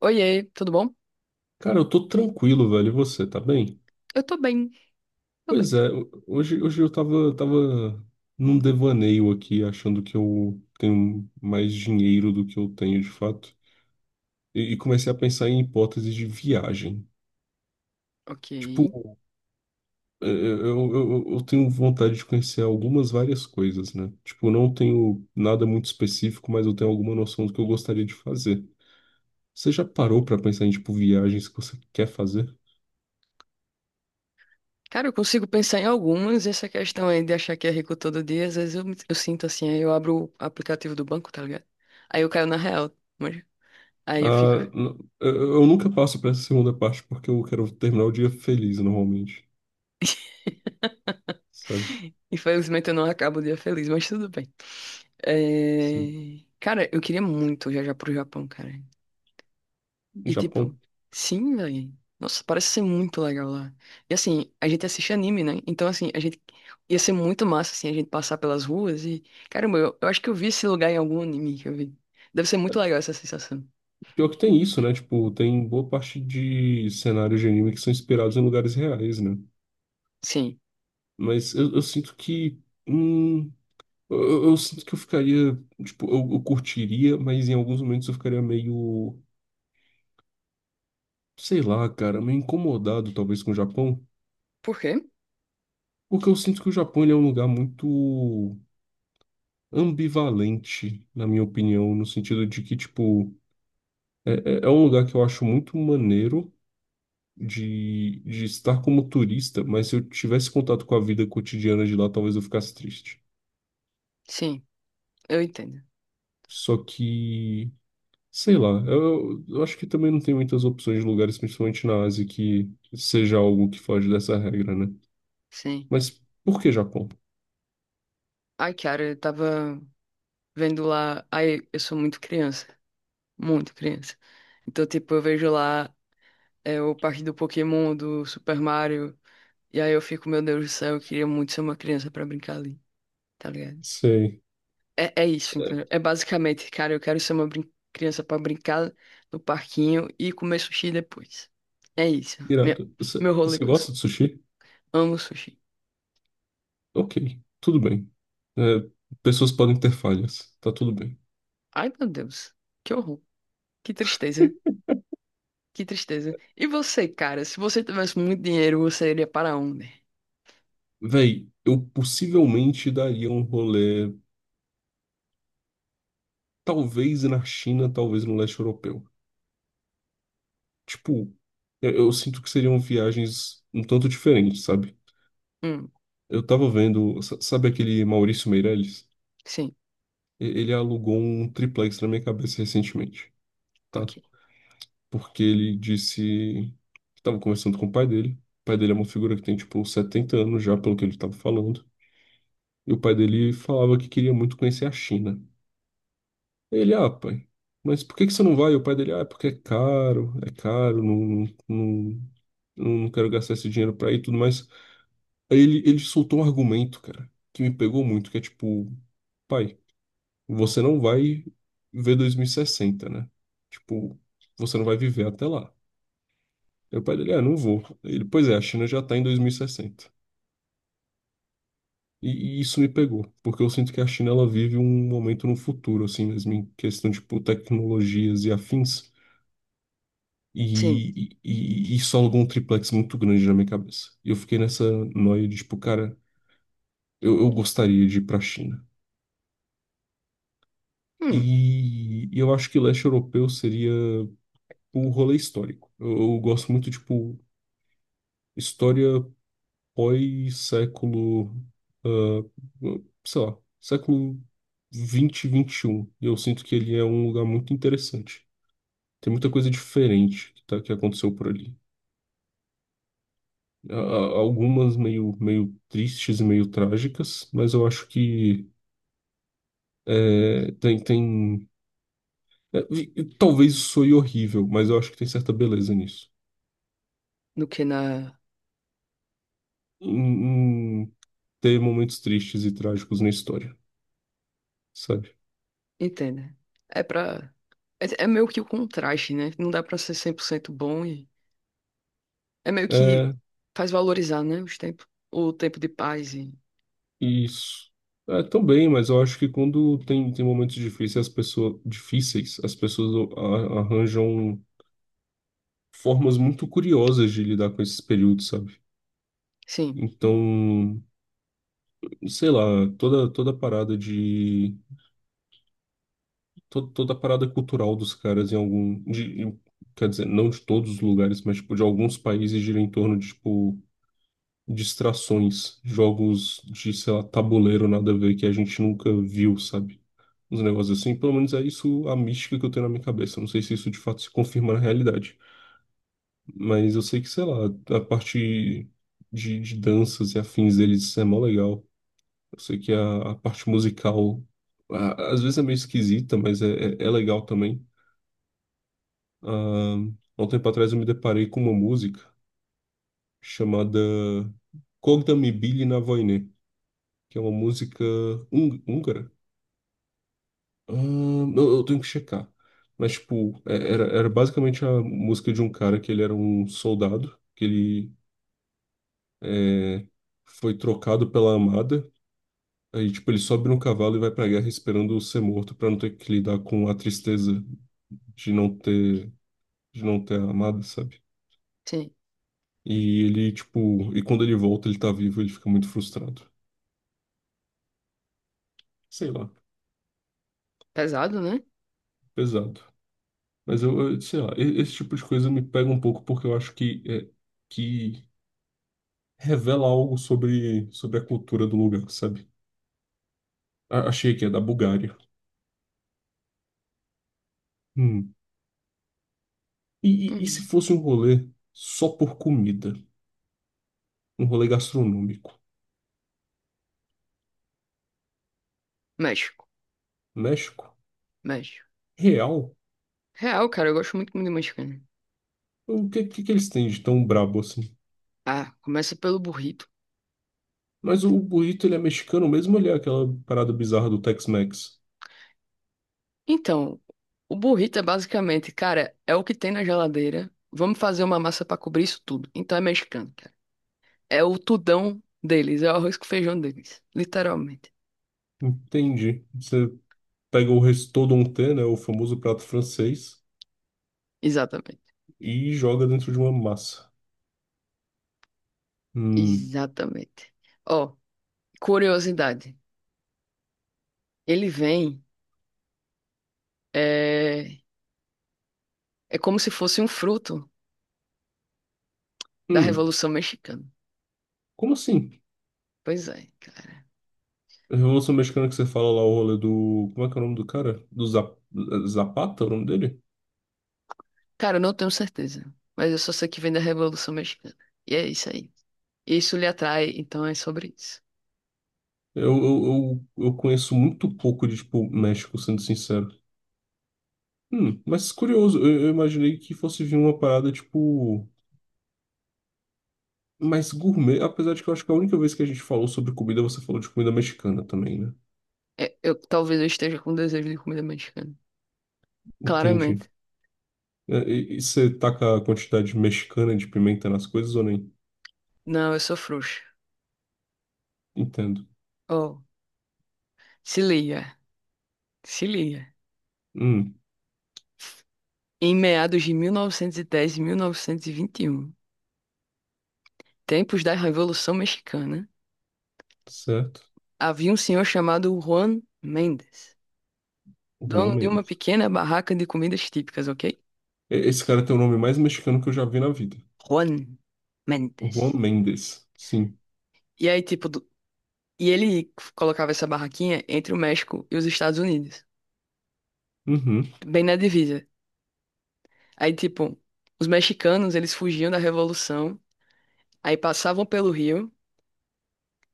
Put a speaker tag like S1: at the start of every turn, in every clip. S1: Oiê, tudo bom?
S2: Cara, eu tô tranquilo, velho. E você, tá bem?
S1: Eu tô bem, tô
S2: Pois
S1: bem.
S2: é, hoje eu tava num devaneio aqui, achando que eu tenho mais dinheiro do que eu tenho de fato. E comecei a pensar em hipóteses de viagem.
S1: Ok.
S2: Tipo, eu tenho vontade de conhecer algumas várias coisas, né? Tipo, eu não tenho nada muito específico, mas eu tenho alguma noção do que eu gostaria de fazer. Você já parou pra pensar em, tipo, viagens que você quer fazer?
S1: Cara, eu consigo pensar em algumas. Essa questão aí de achar que é rico todo dia, às vezes eu sinto assim, aí eu abro o aplicativo do banco, tá ligado? Aí eu caio na real, mas aí eu fico.
S2: Ah, eu nunca passo para essa segunda parte porque eu quero terminar o dia feliz normalmente, sabe?
S1: Infelizmente eu não acabo o dia feliz, mas tudo bem.
S2: Sim.
S1: É, cara, eu queria muito viajar pro Japão, cara. E tipo,
S2: Japão.
S1: sim, velho. Nossa, parece ser muito legal lá. E assim, a gente assiste anime, né? Então, assim, a gente ia ser muito massa, assim, a gente passar pelas ruas e. Caramba, eu acho que eu vi esse lugar em algum anime que eu vi. Deve ser muito legal essa sensação.
S2: Pior que tem isso, né? Tipo, tem boa parte de cenários de anime que são inspirados em lugares reais, né?
S1: Sim.
S2: Mas eu sinto que. Hum, eu sinto que eu ficaria. Tipo, eu curtiria, mas em alguns momentos eu ficaria meio. Sei lá, cara, meio incomodado talvez com o Japão.
S1: Por quê?
S2: Porque eu sinto que o Japão ele é um lugar muito ambivalente, na minha opinião, no sentido de que, tipo, é, é um lugar que eu acho muito maneiro de estar como turista, mas se eu tivesse contato com a vida cotidiana de lá, talvez eu ficasse triste.
S1: Sim, eu entendo.
S2: Só que, sei lá, eu acho que também não tem muitas opções de lugares, principalmente na Ásia, que seja algo que foge dessa regra, né?
S1: Sim.
S2: Mas por que Japão?
S1: Ai, cara, eu tava vendo lá. Ai, eu sou muito criança. Muito criança. Então, tipo, eu vejo lá é, o parque do Pokémon, do Super Mario. E aí eu fico, meu Deus do céu, eu queria muito ser uma criança pra brincar ali. Tá ligado?
S2: Sei.
S1: É, é isso,
S2: É,
S1: entendeu? É basicamente, cara, eu quero ser uma criança pra brincar no parquinho e comer sushi depois. É isso. Meu,
S2: irado. Você
S1: meu rolê
S2: você
S1: com su-
S2: gosta de sushi?
S1: amo sushi.
S2: Ok, tudo bem. É, pessoas podem ter falhas, tá tudo bem.
S1: Ai, meu Deus. Que horror. Que tristeza. Que tristeza. E você, cara, se você tivesse muito dinheiro, você iria para onde?
S2: Véi, eu possivelmente daria um rolê, talvez na China, talvez no leste europeu. Tipo, eu sinto que seriam viagens um tanto diferentes, sabe?
S1: Hum,
S2: Eu tava vendo, sabe aquele Maurício Meirelles?
S1: sim,
S2: Ele alugou um triplex na minha cabeça recentemente, tá?
S1: ok.
S2: Porque ele disse que tava conversando com o pai dele. O pai dele é uma figura que tem, tipo, uns 70 anos já, pelo que ele tava falando. E o pai dele falava que queria muito conhecer a China. Ele, pai, mas por que que você não vai? E o pai dele, é porque é caro, não, não, não, não quero gastar esse dinheiro pra ir e tudo mais. Aí ele soltou um argumento, cara, que me pegou muito, que é tipo, pai, você não vai ver 2060, né? Tipo, você não vai viver até lá. Aí o pai dele, não vou. Ele, pois é, a China já tá em 2060. E isso me pegou, porque eu sinto que a China ela vive um momento no futuro, assim mesmo, em questão de tipo, tecnologias e afins,
S1: Sim.
S2: e isso alugou um triplex muito grande na minha cabeça. E eu fiquei nessa noia de, tipo, cara, eu gostaria de ir pra China.
S1: Hum,
S2: E eu acho que leste europeu seria o rolê histórico. Eu gosto muito, tipo, história foi século, ah, sei lá, século vinte vinte e 21. E eu sinto que ele é um lugar muito interessante. Tem muita coisa diferente que, tá, que aconteceu por ali. Algumas meio tristes e meio trágicas, mas eu acho que é, tem, tem... e talvez isso soe horrível, mas eu acho que tem certa beleza nisso.
S1: do que na.
S2: Em ter momentos tristes e trágicos na história, sabe?
S1: Entenda. É pra. É, é meio que o contraste, né? Não dá pra ser 100% bom e. É meio que
S2: É,
S1: faz valorizar, né, os tempos, o tempo de paz e...
S2: isso. É, também, mas eu acho que quando tem momentos difíceis, as pessoas arranjam formas muito curiosas de lidar com esses períodos, sabe?
S1: Sim,
S2: Então, sei lá, toda a parada de, toda a parada cultural dos caras em algum, de, quer dizer, não de todos os lugares, mas, tipo, de alguns países gira em torno de, tipo, distrações, jogos de, sei lá, tabuleiro, nada a ver, que a gente nunca viu, sabe? Uns negócios assim. Pelo menos é isso a mística que eu tenho na minha cabeça. Não sei se isso de fato se confirma na realidade. Mas eu sei que, sei lá, a parte de danças e afins deles é mó legal. Eu sei que a parte musical, às vezes é meio esquisita, mas é legal também. Ah, há um tempo atrás eu me deparei com uma música chamada Cogda mi bili na vojne, que é uma música húngara. Eu tenho que checar. Mas, tipo, era basicamente a música de um cara que ele era um soldado, que ele é, foi trocado pela amada. Aí, tipo, ele sobe no cavalo e vai pra guerra esperando ser morto pra não ter que lidar com a tristeza de não ter, de não ter a amada, sabe?
S1: sim.
S2: E ele, tipo, e quando ele volta, ele tá vivo, ele fica muito frustrado. Sei lá,
S1: Pesado, né?
S2: pesado. Mas sei lá, esse tipo de coisa me pega um pouco porque eu acho que, que revela algo sobre a cultura do lugar, sabe? Achei que é da Bulgária. Hum. E se
S1: Hum.
S2: fosse um rolê só por comida? Um rolê gastronômico?
S1: México,
S2: México?
S1: México.
S2: Real?
S1: Real, cara, eu gosto muito de mexicano.
S2: O que, que eles têm de tão brabo assim?
S1: Ah, começa pelo burrito.
S2: Mas o burrito, ele é mexicano mesmo, ele é aquela parada bizarra do Tex-Mex.
S1: Então, o burrito é basicamente, cara, é o que tem na geladeira. Vamos fazer uma massa pra cobrir isso tudo. Então é mexicano, cara. É o tudão deles, é o arroz com feijão deles, literalmente.
S2: Entendi. Você pega o restauranté, né, o famoso prato francês,
S1: Exatamente.
S2: e joga dentro de uma massa. Hum.
S1: Exatamente. Ó, curiosidade. Ele vem eh, é como se fosse um fruto da
S2: Hum.
S1: Revolução Mexicana.
S2: Como assim?
S1: Pois é, cara.
S2: Revolução Mexicana que você fala lá, o rolê do. Como é que é o nome do cara? Do Zapata, é o nome dele?
S1: Cara, eu não tenho certeza, mas eu só sei que vem da Revolução Mexicana. E é isso aí. Isso lhe atrai, então é sobre isso.
S2: Eu, eu, eu conheço muito pouco de, tipo, México, sendo sincero. Mas curioso, eu imaginei que fosse vir uma parada, tipo, mais gourmet, apesar de que eu acho que a única vez que a gente falou sobre comida, você falou de comida mexicana também, né?
S1: É, eu talvez eu esteja com desejo de comida mexicana.
S2: Entendi.
S1: Claramente.
S2: E você taca a quantidade mexicana de pimenta nas coisas ou nem?
S1: Não, eu sou frouxo.
S2: Entendo.
S1: Oh, se liga, se liga.
S2: Hum,
S1: Em meados de 1910 e 1921, tempos da Revolução Mexicana,
S2: certo.
S1: havia um senhor chamado Juan Mendes, dono de uma
S2: Realmente.
S1: pequena barraca de comidas típicas, ok?
S2: Esse cara tem o nome mais mexicano que eu já vi na vida.
S1: Juan
S2: O Juan
S1: Mendes.
S2: Mendes, sim.
S1: E aí, tipo, do- e ele colocava essa barraquinha entre o México e os Estados Unidos,
S2: Uhum.
S1: bem na divisa. Aí, tipo, os mexicanos, eles fugiam da Revolução, aí passavam pelo Rio,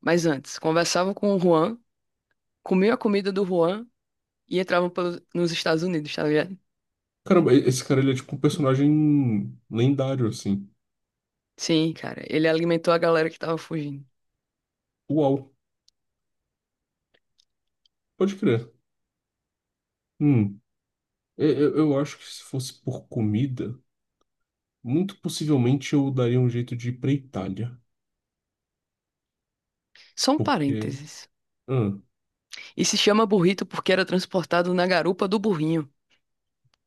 S1: mas antes, conversavam com o Juan, comiam a comida do Juan e nos Estados Unidos, tá ligado?
S2: Caramba, esse cara ele é tipo um personagem lendário, assim.
S1: Sim, cara, ele alimentou a galera que tava fugindo.
S2: Uau, pode crer. Hum. Eu acho que se fosse por comida, muito possivelmente eu daria um jeito de ir pra Itália.
S1: Só um
S2: Porque.
S1: parênteses.
S2: hum,
S1: E se chama burrito porque era transportado na garupa do burrinho.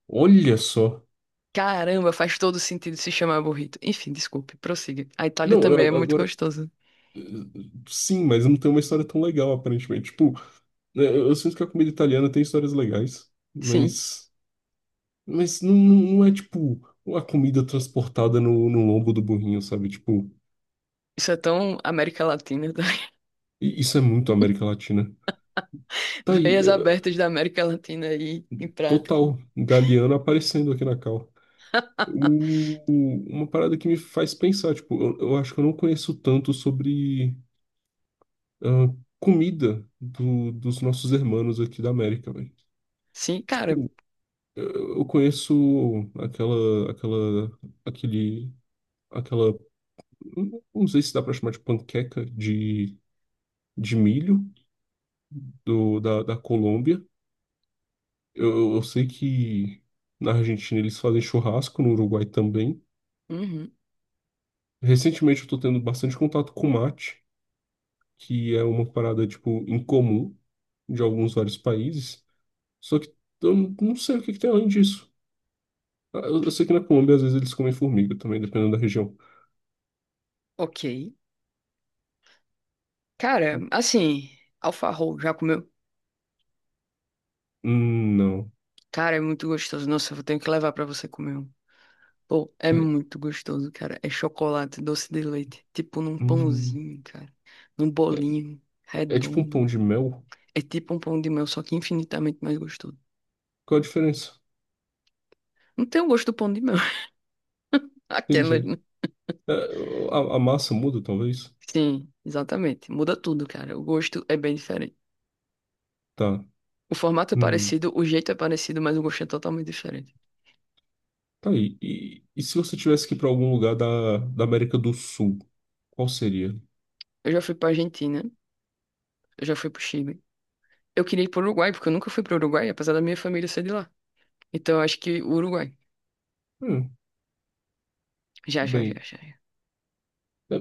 S2: Olha só.
S1: Caramba, faz todo sentido se chamar burrito. Enfim, desculpe, prossiga. A Itália
S2: Não,
S1: também é muito
S2: agora.
S1: gostosa.
S2: eh, Sim, mas não tem uma história tão legal, aparentemente. Tipo, né, eu sinto que a comida italiana tem histórias legais,
S1: Sim,
S2: mas. Mas não é tipo a comida transportada no lombo do burrinho, sabe? Tipo.
S1: isso é tão América Latina. Tá?
S2: E isso é muito América Latina. Tá aí,
S1: Veias abertas da América Latina aí em prática.
S2: total, Galeano aparecendo aqui na cal. Uma parada que me faz pensar, tipo, eu acho que eu não conheço tanto sobre ah, comida dos nossos irmãos aqui da América, velho.
S1: Sim, cara.
S2: Tipo, eu eu conheço aquela, aquela, aquele, aquela, não sei se dá pra chamar de panqueca de milho da Colômbia. Eu sei que na Argentina eles fazem churrasco, no Uruguai também.
S1: Uhum,
S2: Recentemente eu tô tendo bastante contato com mate, que é uma parada, tipo, incomum de alguns vários países. Só que eu não sei o que que tem além disso. Ah, eu sei que na Colômbia às vezes eles comem formiga também, dependendo da região.
S1: ok. Cara, assim, alfarrol, já comeu?
S2: Não.
S1: Cara, é muito gostoso. Nossa, eu tenho que levar pra você comer um. Pô, é
S2: É,
S1: muito gostoso, cara. É chocolate, doce de leite. Tipo num
S2: hum,
S1: pãozinho, cara. Num
S2: é,
S1: bolinho
S2: é tipo um pão
S1: redondo.
S2: de mel?
S1: É tipo um pão de mel, só que infinitamente mais gostoso.
S2: Qual a diferença?
S1: Não tem o gosto do pão de mel. Aquela.
S2: Entendi.
S1: Né?
S2: É, a massa muda, talvez?
S1: Sim, exatamente. Muda tudo, cara. O gosto é bem diferente.
S2: Tá.
S1: O formato é
S2: Hum.
S1: parecido, o jeito é parecido, mas o gosto é totalmente diferente.
S2: Tá aí. E se você tivesse que ir para algum lugar da América do Sul, qual seria?
S1: Eu já fui pra Argentina, eu já fui pro Chile. Eu queria ir pro Uruguai, porque eu nunca fui pro Uruguai, apesar da minha família ser de lá. Então eu acho que o Uruguai.
S2: Hum,
S1: Já, já, já,
S2: bem.
S1: já. já.
S2: é-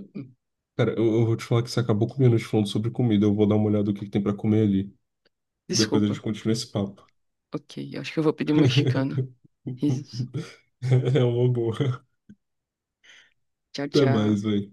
S2: cara, eu vou te falar que você acabou com minuto falando sobre comida. Eu vou dar uma olhada no que tem para comer ali. Depois a gente
S1: Desculpa.
S2: continua esse papo.
S1: Ok, eu acho que eu vou pedir um mexicano. Risos.
S2: É uma boa.
S1: Tchau,
S2: Até mais,
S1: tchau.
S2: velho.